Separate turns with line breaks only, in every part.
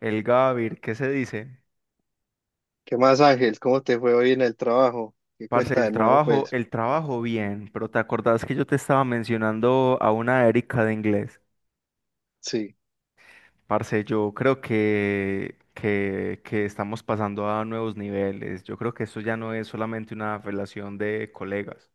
El Gavir, ¿qué se dice?
¿Qué más, Ángel? ¿Cómo te fue hoy en el trabajo? ¿Qué
Parce,
cuenta de nuevo? Pues
el trabajo bien, pero ¿te acordás que yo te estaba mencionando a una Erika de inglés?
sí,
Parce, yo creo que estamos pasando a nuevos niveles. Yo creo que esto ya no es solamente una relación de colegas.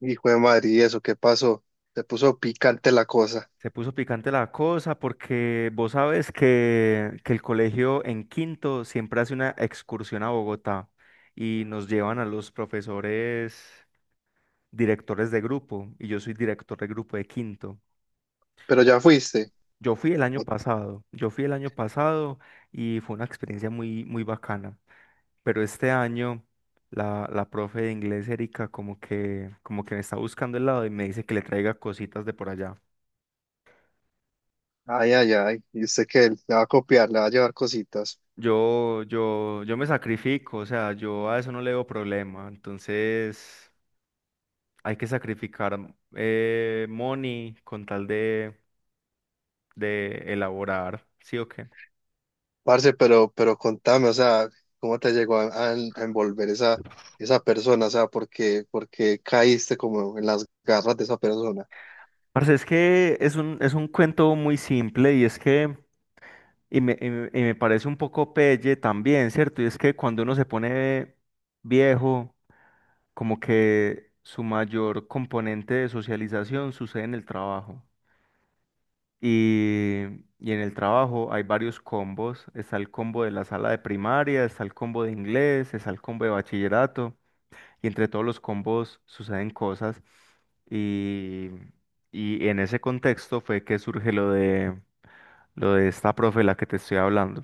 hijo de madre, ¿y eso qué pasó? Se puso picante la cosa,
Se puso picante la cosa porque vos sabes que el colegio en quinto siempre hace una excursión a Bogotá y nos llevan a los profesores directores de grupo y yo soy director de grupo de quinto.
pero ya fuiste.
Yo fui el año
O-
pasado, yo fui el año pasado y fue una experiencia muy, muy bacana, pero este año la profe de inglés, Erika, como que me está buscando el lado y me dice que le traiga cositas de por allá.
Ay, ay, ay, y usted que le va a copiar, le va a llevar cositas.
Yo me sacrifico, o sea, yo a eso no le veo problema, entonces hay que sacrificar money con tal de elaborar, ¿sí o qué?
Parce, pero contame, o sea, ¿cómo te llegó a envolver esa persona? O sea, ¿por qué caíste como en las garras de esa persona?
Parce, es que es un cuento muy simple y es que, y me parece un poco pelle también, ¿cierto? Y es que cuando uno se pone viejo, como que su mayor componente de socialización sucede en el trabajo. Y, y en el trabajo hay varios combos. Está el combo de la sala de primaria, está el combo de inglés, está el combo de bachillerato y entre todos los combos suceden cosas. Y, y en ese contexto fue que surge lo de esta profe la que te estoy hablando.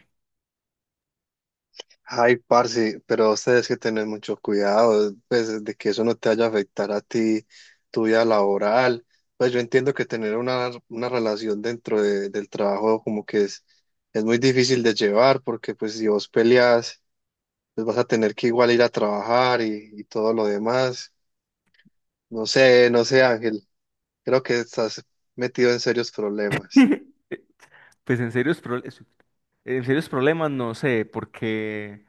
Ay, parce, pero ustedes que tener mucho cuidado, pues, de que eso no te vaya a afectar a ti, tu vida laboral. Pues yo entiendo que tener una relación dentro del trabajo, como que es muy difícil de llevar, porque pues si vos peleas, pues vas a tener que igual ir a trabajar y todo lo demás. No sé, no sé, Ángel, creo que estás metido en serios problemas.
Pues en serios problemas no sé, porque,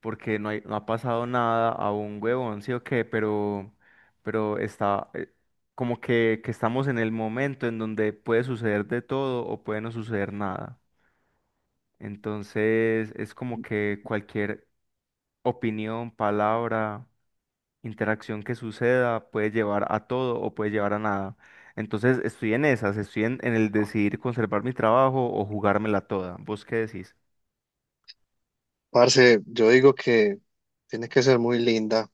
porque no hay, no ha pasado nada a un huevón, sí o qué, pero está como que estamos en el momento en donde puede suceder de todo o puede no suceder nada. Entonces es como que cualquier opinión, palabra, interacción que suceda puede llevar a todo o puede llevar a nada. Entonces estoy en esas, estoy en el decidir conservar mi trabajo o jugármela toda. ¿Vos qué decís?
Parce, yo digo que tiene que ser muy linda,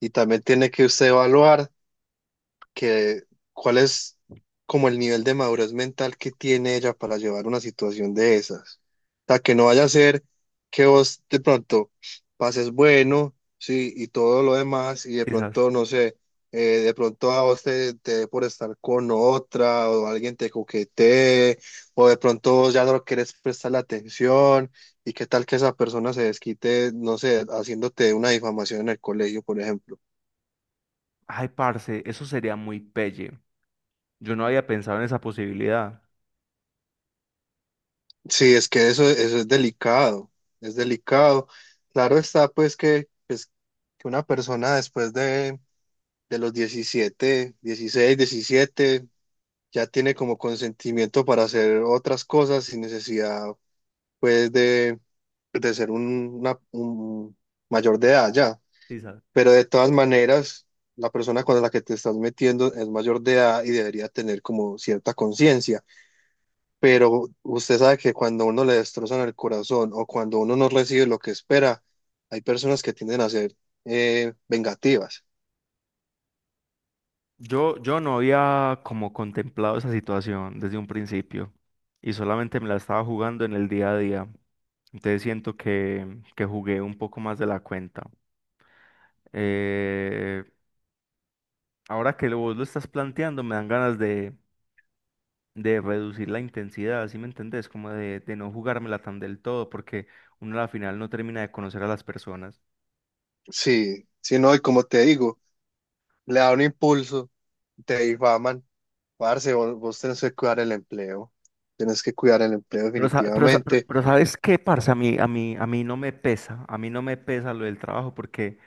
y también tiene que usted evaluar, que cuál es como el nivel de madurez mental que tiene ella para llevar una situación de esas. O sea, que no vaya a ser que vos de pronto pases bueno, sí, y todo lo demás, y de
Quizás.
pronto, no sé, de pronto a vos te dé por estar con otra, o alguien te coquetee, o de pronto vos ya no querés prestar la atención, y qué tal que esa persona se desquite, no sé, haciéndote una difamación en el colegio, por ejemplo.
Ay, parce, eso sería muy pelle. Yo no había pensado en esa posibilidad.
Sí, es que eso es delicado, es delicado. Claro está, pues, que una persona después de los 17, 16, 17, ya tiene como consentimiento para hacer otras cosas sin necesidad, pues, de ser un mayor de edad ya.
Sisas.
Pero de todas maneras, la persona con la que te estás metiendo es mayor de edad y debería tener como cierta conciencia. Pero usted sabe que cuando uno le destrozan el corazón, o cuando uno no recibe lo que espera, hay personas que tienden a ser, vengativas.
Yo no había como contemplado esa situación desde un principio y solamente me la estaba jugando en el día a día. Entonces siento que jugué un poco más de la cuenta. Eh, Ahora que vos lo estás planteando, me dan ganas de reducir la intensidad, ¿sí me entendés? Como de no jugármela tan del todo, porque uno a la final no termina de conocer a las personas.
Sí, sí, no, y como te digo, le da un impulso, te difaman, parce, vos tenés que cuidar el empleo, tienes que cuidar el empleo definitivamente.
Pero ¿sabes qué, parce? A mí no me pesa, a mí no me pesa lo del trabajo porque,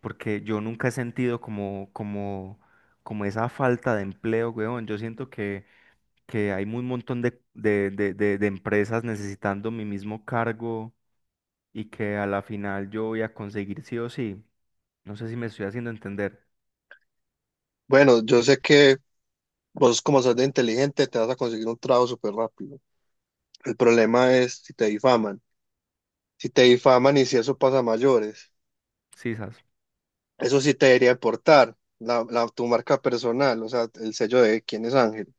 porque yo nunca he sentido como esa falta de empleo, weón. Yo siento que hay un montón de empresas necesitando mi mismo cargo y que a la final yo voy a conseguir sí o sí. No sé si me estoy haciendo entender.
Bueno, yo sé que vos como sos de inteligente te vas a conseguir un trabajo súper rápido. El problema es si te difaman, si te difaman y si eso pasa a mayores.
Sisas.
Eso sí te debería aportar la, tu marca personal, o sea, el sello de quién es Ángel.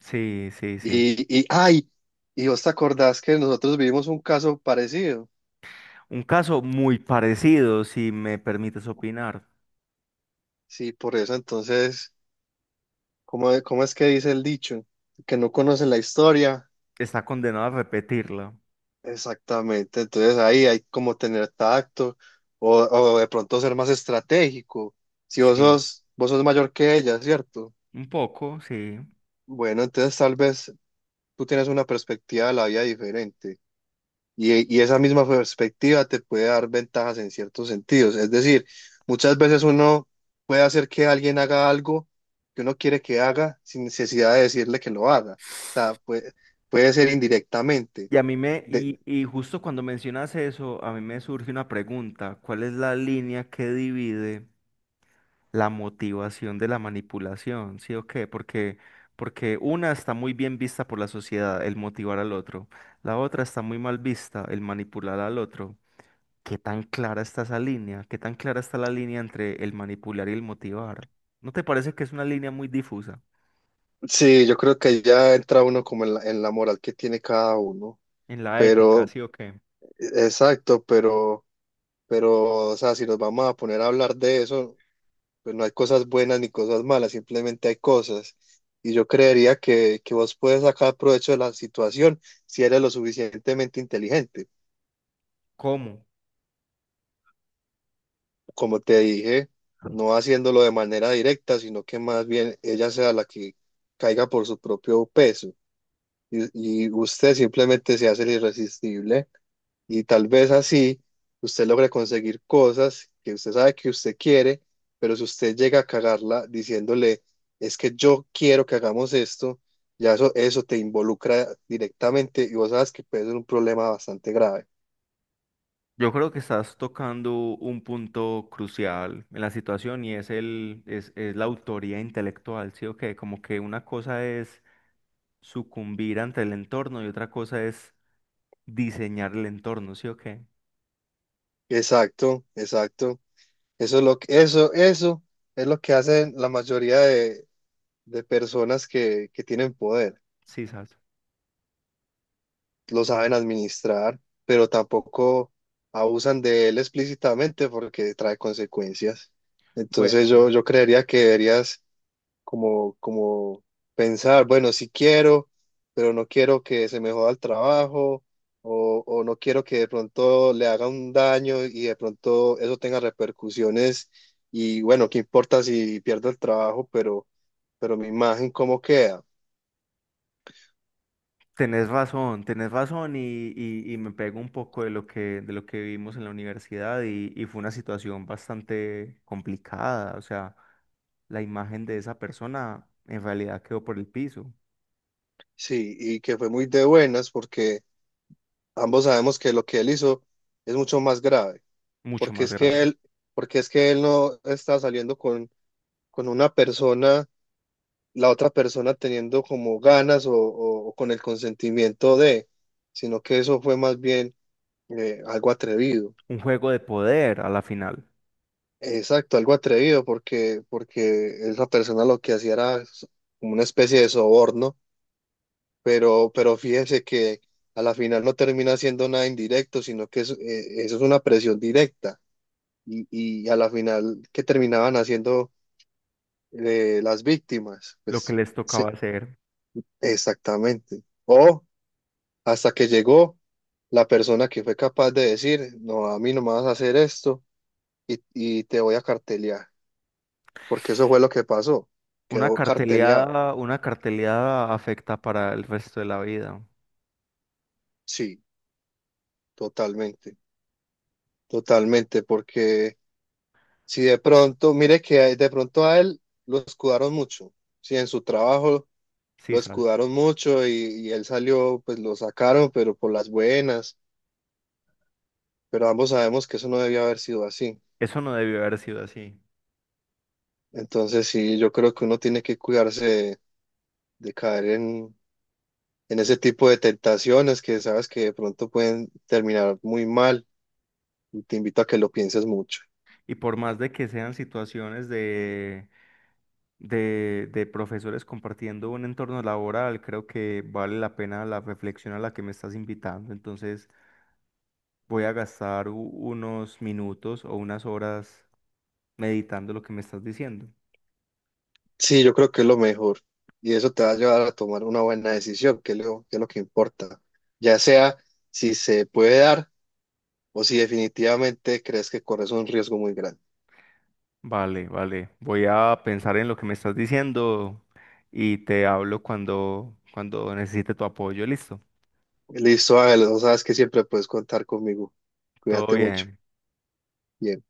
Sí, sí, sí.
Y ay, y vos te acordás que nosotros vivimos un caso parecido.
Un caso muy parecido, si me permites opinar.
Sí, por eso entonces, ¿cómo, cómo es que dice el dicho? Que no conoce la historia.
Está condenado a repetirla.
Exactamente, entonces ahí hay como tener tacto o de pronto ser más estratégico. Si vos
Sí,
sos, vos sos mayor que ella, ¿cierto?
un poco, sí.
Bueno, entonces tal vez tú tienes una perspectiva de la vida diferente. Y esa misma perspectiva te puede dar ventajas en ciertos sentidos. Es decir, muchas veces uno puede hacer que alguien haga algo que uno quiere que haga sin necesidad de decirle que lo haga. O sea, puede ser indirectamente.
Y a mí me,
De-
y justo cuando mencionas eso, a mí me surge una pregunta. ¿Cuál es la línea que divide la motivación de la manipulación, sí o qué? Porque, porque una está muy bien vista por la sociedad, el motivar al otro, la otra está muy mal vista, el manipular al otro. ¿Qué tan clara está esa línea? ¿Qué tan clara está la línea entre el manipular y el motivar? ¿No te parece que es una línea muy difusa
sí, yo creo que ya entra uno como en la moral que tiene cada uno.
en la ética,
Pero,
sí o qué?
exacto, pero, o sea, si nos vamos a poner a hablar de eso, pues no hay cosas buenas ni cosas malas, simplemente hay cosas. Y yo creería que vos puedes sacar provecho de la situación si eres lo suficientemente inteligente.
¿Cómo?
Como te dije, no haciéndolo de manera directa, sino que más bien ella sea la que caiga por su propio peso. Y usted simplemente se hace el irresistible, y tal vez así usted logre conseguir cosas que usted sabe que usted quiere. Pero si usted llega a cagarla diciéndole, es que yo quiero que hagamos esto, ya eso te involucra directamente y vos sabes que puede ser un problema bastante grave.
Yo creo que estás tocando un punto crucial en la situación y es es la autoría intelectual, ¿sí o qué? Como que una cosa es sucumbir ante el entorno y otra cosa es diseñar el entorno, ¿sí o qué?
Exacto, exacto. Eso es lo que, eso es lo que hacen la mayoría de personas que tienen poder.
Sí, sabes.
Lo saben administrar, pero tampoco abusan de él explícitamente porque trae consecuencias. Entonces
Bueno,
yo creería que deberías, como pensar, bueno, sí quiero, pero no quiero que se me joda el trabajo, o no quiero que de pronto le haga un daño y de pronto eso tenga repercusiones, y bueno, qué importa si pierdo el trabajo. Pero, mi imagen, ¿cómo queda?
tenés razón y me pego un poco de lo que vivimos en la universidad y fue una situación bastante complicada, o sea, la imagen de esa persona en realidad quedó por el piso,
Sí, y que fue muy de buenas porque ambos sabemos que lo que él hizo es mucho más grave,
mucho
porque
más
es que
grave.
él, porque es que él no está saliendo con, una persona, la otra persona teniendo como ganas, o con el consentimiento de, sino que eso fue más bien, algo atrevido.
Un juego de poder a la final,
Exacto, algo atrevido, porque, esa persona lo que hacía era como una especie de soborno. Pero fíjense que a la final no termina siendo nada indirecto, sino que eso es una presión directa. Y a la final, ¿qué terminaban haciendo, las víctimas?
lo que
Pues
les
sí,
tocaba hacer.
exactamente. O hasta que llegó la persona que fue capaz de decir, no, a mí no me vas a hacer esto, y te voy a cartelear, porque eso fue lo que pasó, quedó carteleado.
Una carteleada afecta para el resto de la vida,
Sí, totalmente, totalmente, porque si de pronto, mire que de pronto a él lo escudaron mucho, si en su trabajo
sí.
lo escudaron mucho y él salió, pues lo sacaron, pero por las buenas, pero ambos sabemos que eso no debía haber sido así.
Eso no debió haber sido así.
Entonces sí, yo creo que uno tiene que cuidarse de caer en ese tipo de tentaciones que sabes que de pronto pueden terminar muy mal, y te invito a que lo pienses mucho.
Y por más de que sean situaciones de profesores compartiendo un entorno laboral, creo que vale la pena la reflexión a la que me estás invitando. Entonces voy a gastar unos minutos o unas horas meditando lo que me estás diciendo.
Sí, yo creo que es lo mejor y eso te va a llevar a tomar una buena decisión, que es lo que importa, ya sea si se puede dar o si definitivamente crees que corres un riesgo muy grande.
Vale, vale. Voy a pensar en lo que me estás diciendo y te hablo cuando, cuando necesite tu apoyo. Listo.
Listo, Ángel, no sabes que siempre puedes contar conmigo.
Todo
Cuídate mucho.
bien.
Bien.